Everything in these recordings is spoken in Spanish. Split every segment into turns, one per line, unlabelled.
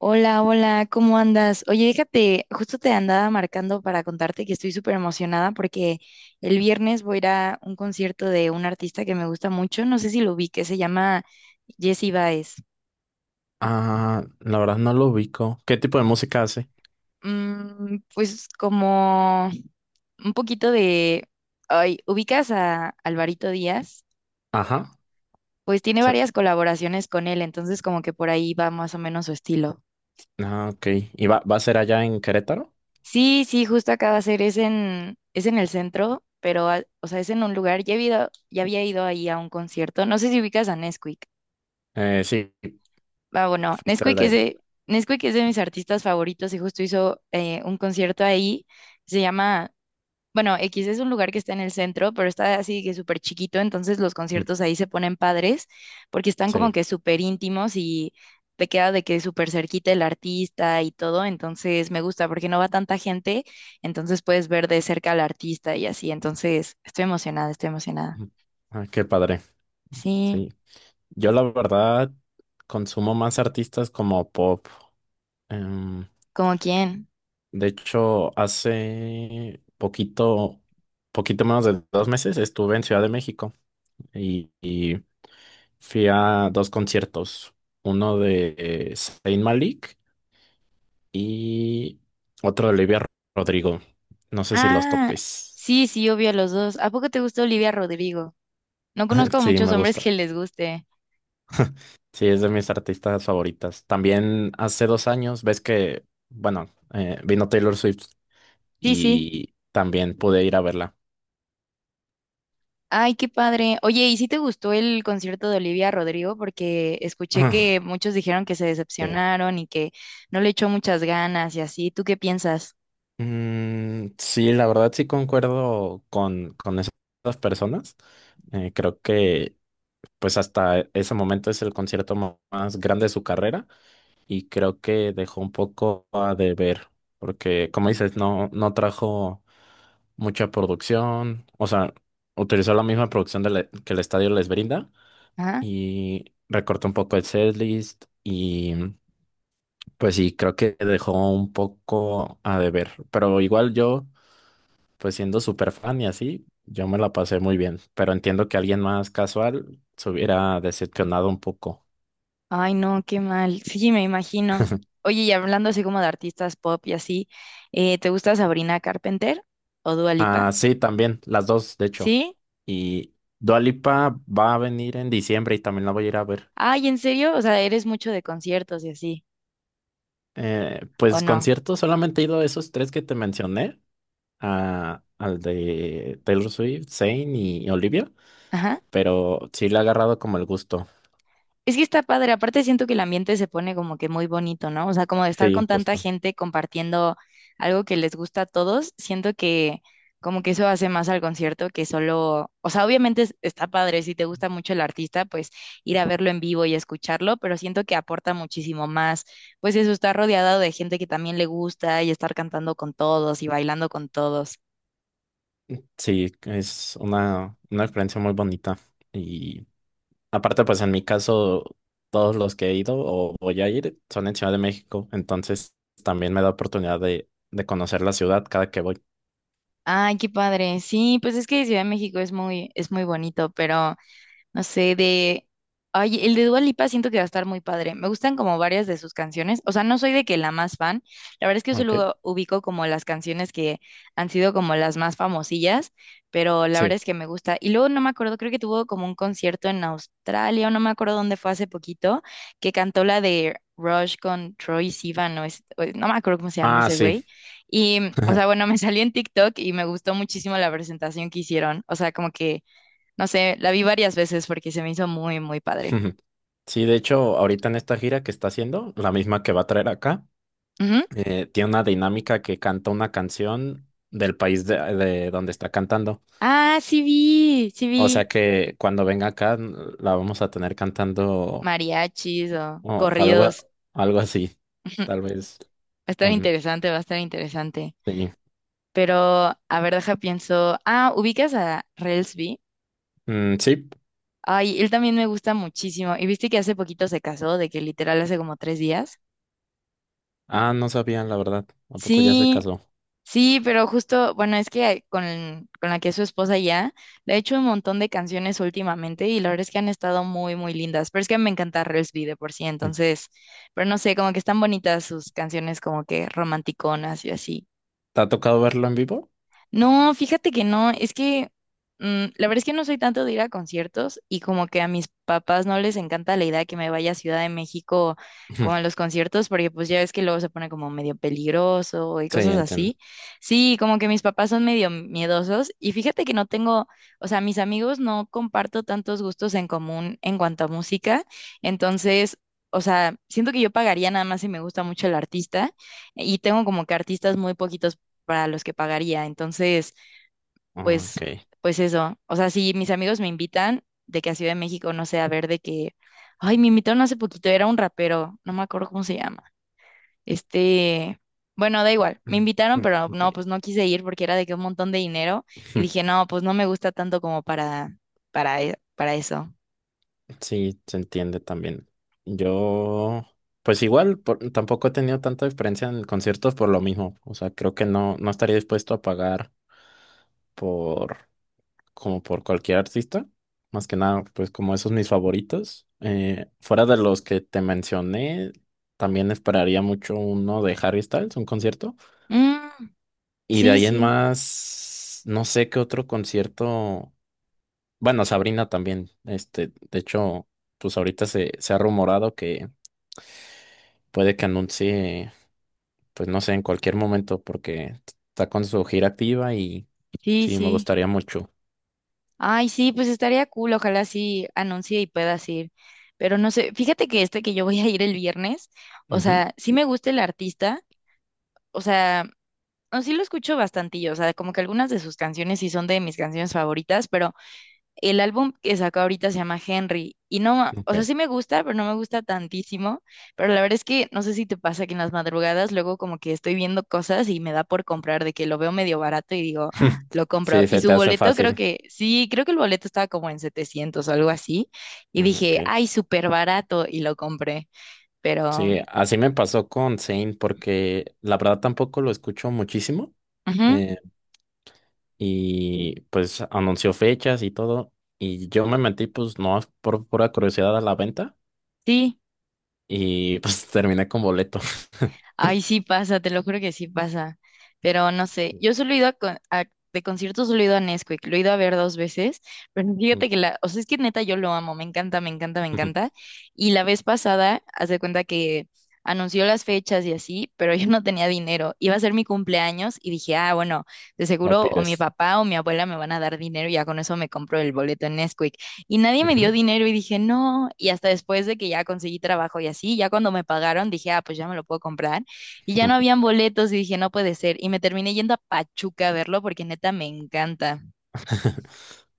Hola, hola, ¿cómo andas? Oye, déjate, justo te andaba marcando para contarte que estoy súper emocionada porque el viernes voy a ir a un concierto de un artista que me gusta mucho, no sé si lo vi, que se llama Jesse Baez.
Ah, la verdad no lo ubico. ¿Qué tipo de música hace?
Mm, pues como un poquito de, ay, ubicas a Alvarito Díaz,
Ajá.
pues tiene
se-
varias colaboraciones con él, entonces como que por ahí va más o menos su estilo.
Ah, ok. ¿Y va a ser allá en Querétaro?
Sí, sí, justo acaba de a ser, es en el centro, pero, o sea, es en un lugar, ya había ido ahí a un concierto, no sé si ubicas a Nesquik,
Sí,
ah, bueno,
fuiste al de él.
Nesquik es de mis artistas favoritos y justo hizo un concierto ahí, se llama bueno, X es un lugar que está en el centro, pero está así que súper chiquito, entonces los
Mm,
conciertos ahí se ponen padres porque están como
sí.
que súper íntimos y te queda de que súper cerquita el artista y todo, entonces me gusta porque no va tanta gente, entonces puedes ver de cerca al artista y así, entonces estoy emocionada, estoy emocionada.
Mm. Ah, qué padre.
Sí,
Sí. Yo la verdad consumo más artistas como pop. Em,
¿como quién?
de hecho, hace poquito, poquito menos de 2 meses estuve en Ciudad de México y fui a dos conciertos. Uno de Saint Malik y otro de Olivia Rodrigo. No sé si los
Ah,
topes.
sí, sí, obvio los dos. ¿A poco te gusta Olivia Rodrigo? No conozco a
Sí,
muchos
me
hombres que
gusta.
les guste.
Sí, es de mis artistas favoritas. También hace 2 años, ves que, bueno, vino Taylor Swift
Sí, sí.
y también pude ir a verla.
Ay, qué padre. Oye, ¿y si te gustó el concierto de Olivia Rodrigo? Porque escuché que muchos dijeron que se
Sí.
decepcionaron y que no le echó muchas ganas y así. ¿Tú qué piensas?
Mm, sí, la verdad sí concuerdo con esas personas. Creo que pues hasta ese momento es el concierto más grande de su carrera. Y creo que dejó un poco a deber, porque como dices, no, no trajo mucha producción, o sea, utilizó la misma producción que el estadio les brinda
¿Ah?
y recortó un poco el setlist y pues sí, creo que dejó un poco a deber, pero igual yo, pues siendo súper fan y así, yo me la pasé muy bien, pero entiendo que alguien más casual se hubiera decepcionado un poco.
Ay, no, qué mal. Sí, me imagino. Oye, y hablando así como de artistas pop y así, ¿te gusta Sabrina Carpenter o Dua
Ah,
Lipa?
sí, también, las dos, de hecho.
¿Sí?
Y Dua Lipa va a venir en diciembre y también la voy a ir a ver.
Ay, ¿en serio? O sea, ¿eres mucho de conciertos y así?
Eh,
¿O
pues
no?
conciertos, solamente he ido a esos tres que te mencioné, al de Taylor Swift, Zayn y Olivia,
Ajá.
pero sí le ha agarrado como el gusto.
Es que está padre, aparte siento que el ambiente se pone como que muy bonito, ¿no? O sea, como de estar con
Sí,
tanta
justo.
gente compartiendo algo que les gusta a todos, siento que como que eso hace más al concierto que solo, o sea, está padre, si te gusta mucho el artista, pues ir a verlo en vivo y escucharlo, pero siento que aporta muchísimo más, pues eso, estar rodeado de gente que también le gusta y estar cantando con todos y bailando con todos.
Sí, es una experiencia muy bonita. Y aparte, pues en mi caso, todos los que he ido o voy a ir son en Ciudad de México, entonces también me da oportunidad de conocer la ciudad cada que voy.
Ay, qué padre. Sí, pues es que Ciudad de México es muy bonito, pero no sé, de... Ay, el de Dua Lipa siento que va a estar muy padre. Me gustan como varias de sus canciones. O sea, no soy de que la más fan. La verdad es que yo
Ok,
solo ubico como las canciones que han sido como las más famosillas, pero la
sí.
verdad es que me gusta. Y luego no me acuerdo, creo que tuvo como un concierto en Australia, o no me acuerdo dónde fue hace poquito, que cantó la de Rush con Troy Sivan, no me acuerdo cómo se llama
Ah,
ese
sí.
güey. Y, o sea, bueno, me salió en TikTok y me gustó muchísimo la presentación que hicieron. O sea, como que no sé, la vi varias veces porque se me hizo muy, muy padre.
Sí, de hecho, ahorita en esta gira que está haciendo, la misma que va a traer acá,
Ujú.
tiene una dinámica que canta una canción del país de donde está cantando.
Ah, sí vi
O sea que cuando venga acá la vamos a tener cantando
mariachis o
o
corridos.
algo así,
Ujú. Va
tal vez.
a estar
um,
interesante, va a estar interesante.
sí.
Pero, a ver, deja pienso. Ah, ¿ubicas a Relsby?
Mm, sí.
Ay, él también me gusta muchísimo. ¿Y viste que hace poquito se casó, de que literal hace como 3 días?
Ah, no sabían, la verdad. ¿A poco ya se
Sí,
casó?
sí, pero justo, bueno, es que con la que es su esposa ya, le ha hecho un montón de canciones últimamente y la verdad es que han estado muy, muy lindas. Pero es que me encanta Relsby de por sí,
Mm.
entonces, pero no sé, como que están bonitas sus canciones como que romanticonas y así.
¿Te ha tocado verlo en vivo?
No, fíjate que no, es que mm, la verdad es que no soy tanto de ir a conciertos y como que a mis papás no les encanta la idea de que me vaya a Ciudad de México
Ujú.
como a los conciertos porque pues ya ves que luego se pone como medio peligroso y
Sí,
cosas
entiendo.
así. Sí, como que mis papás son medio miedosos y fíjate que no tengo, o sea, mis amigos no comparto tantos gustos en común en cuanto a música, entonces... O sea, siento que yo pagaría nada más si me gusta mucho el artista y tengo como que artistas muy poquitos para los que pagaría. Entonces, pues,
Ok.
pues eso. O sea, si mis amigos me invitan de que a Ciudad de México, no sé, a ver de que, ay, me invitaron hace poquito, era un rapero, no me acuerdo cómo se llama. Este, bueno, da igual, me invitaron,
Mm,
pero
ok.
no, pues no quise ir porque era de que un montón de dinero y
Ujú.
dije, no, pues no me gusta tanto como para, para eso.
Sí, se entiende también. Yo, pues igual, tampoco he tenido tanta experiencia en conciertos por lo mismo. O sea, creo que no, no estaría dispuesto a pagar por como por cualquier artista. Más que nada, pues como esos mis favoritos. Fuera de los que te mencioné, también esperaría mucho uno de Harry Styles, un concierto.
Mm,
Y de
sí,
ahí en
sí,
más, no sé qué otro concierto. Bueno, Sabrina también. Este, de hecho, pues ahorita se ha rumorado que puede que anuncie, pues no sé, en cualquier momento, porque está con su gira activa y
sí,
sí, me
sí.
gustaría mucho.
Ay, sí, pues estaría cool, ojalá sí anuncie y puedas ir. Pero no sé, fíjate que este que yo voy a ir el viernes, o
Ujú,
sea, sí me gusta el artista, o sea, no, sí lo escucho bastantillo, o sea, como que algunas de sus canciones sí son de mis canciones favoritas, pero el álbum que sacó ahorita se llama Henry y no, o
ok.
sea, sí me gusta, pero no me gusta tantísimo, pero la verdad es que no sé si te pasa que en las madrugadas luego como que estoy viendo cosas y me da por comprar de que lo veo medio barato y digo, "Ah, lo compro".
Sí,
Y
se
su
te hace
boleto creo
fácil.
que, sí, creo que el boleto estaba como en 700 o algo así y
Mm, ok.
dije, ay, súper barato y lo compré, pero,
Sí, así me pasó con Zane, porque la verdad tampoco lo escucho muchísimo.
ujú,
eh, y pues anunció fechas y todo. Y yo me metí, pues no por pura curiosidad a la venta.
sí.
Y pues terminé con boleto.
Ay, sí pasa, te lo juro que sí pasa. Pero no sé, yo solo he ido a, de conciertos, solo he ido a Nesquik, lo he ido a ver dos veces, pero
Ujú.
fíjate que la, o sea, es que neta yo lo amo, me encanta, me encanta, me encanta. Y la vez pasada, haz de cuenta que anunció las fechas y así, pero yo no tenía dinero. Iba a ser mi cumpleaños y dije, ah, bueno, de
Lo
seguro o mi
pides.
papá o mi abuela me van a dar dinero y ya con eso me compro el boleto en Nesquik. Y nadie me dio
Ujú,
dinero y dije, no. Y hasta después de que ya conseguí trabajo y así, ya cuando me pagaron, dije, ah, pues ya me lo puedo comprar. Y ya
ujú.
no habían boletos y dije, no puede ser. Y me terminé yendo a Pachuca a verlo porque neta me encanta.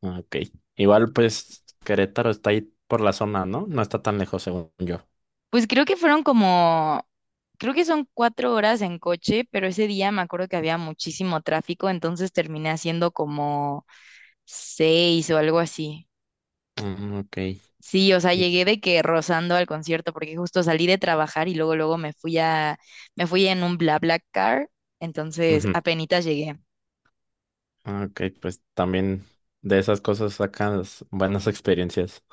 Ok. Igual, pues Querétaro está ahí por la zona, ¿no? No está tan lejos, según yo.
Pues creo que fueron como, creo que son 4 horas en coche, pero ese día me acuerdo que había muchísimo tráfico, entonces terminé haciendo como 6 o algo así.
Mm, ok.
Sí, o sea,
Y-
llegué de que rozando al concierto porque justo salí de trabajar y luego luego me fui en un BlaBlaCar, entonces
Ujú.
apenitas llegué.
Ah, ok, pues también de esas cosas sacas buenas experiencias.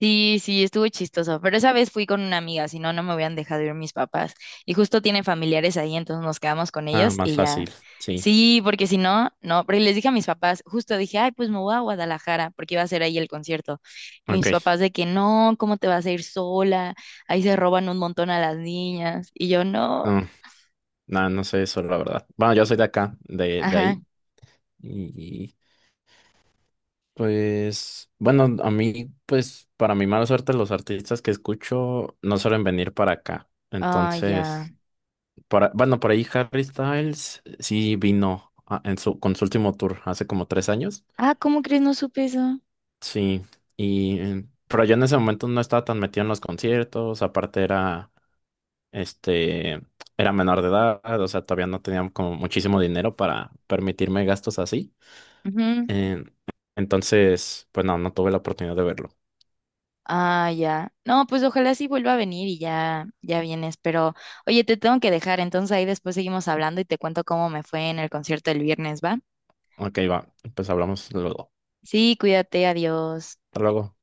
Sí, sí, estuvo chistoso, pero esa vez fui con una amiga, si no, no me hubieran dejado ir mis papás. Y justo tienen familiares ahí, entonces nos quedamos con
Ah,
ellos
más
y ya.
fácil, sí.
Sí, porque si no, no, pero les dije a mis papás, justo dije, ay, pues me voy a Guadalajara, porque iba a ser ahí el concierto. Y
Ok.
mis papás de que no, ¿cómo te vas a ir sola? Ahí se roban un montón a las niñas. Y yo no,
No, nada, no sé eso, la verdad. Bueno, yo soy de acá, de
ajá,
ahí. Y pues, bueno, a mí, pues, para mi mala suerte, los artistas que escucho no suelen venir para acá.
ay, ya.
Entonces, para, bueno, por ahí Harry Styles sí vino con su último tour hace como 3 años.
Ah, ¿cómo crees? No supe eso.
Sí, y pero yo en ese momento no estaba tan metido en los conciertos, aparte este era menor de edad, o sea, todavía no tenía como muchísimo dinero para permitirme gastos así. Eh, entonces, pues no, no tuve la oportunidad de verlo.
Ah, ya. No, pues ojalá sí vuelva a venir y ya, ya vienes. Pero, oye, te tengo que dejar, entonces ahí después seguimos hablando y te cuento cómo me fue en el concierto el viernes, ¿va?
Ok, va, pues hablamos luego.
Sí, cuídate, adiós.
Hasta luego.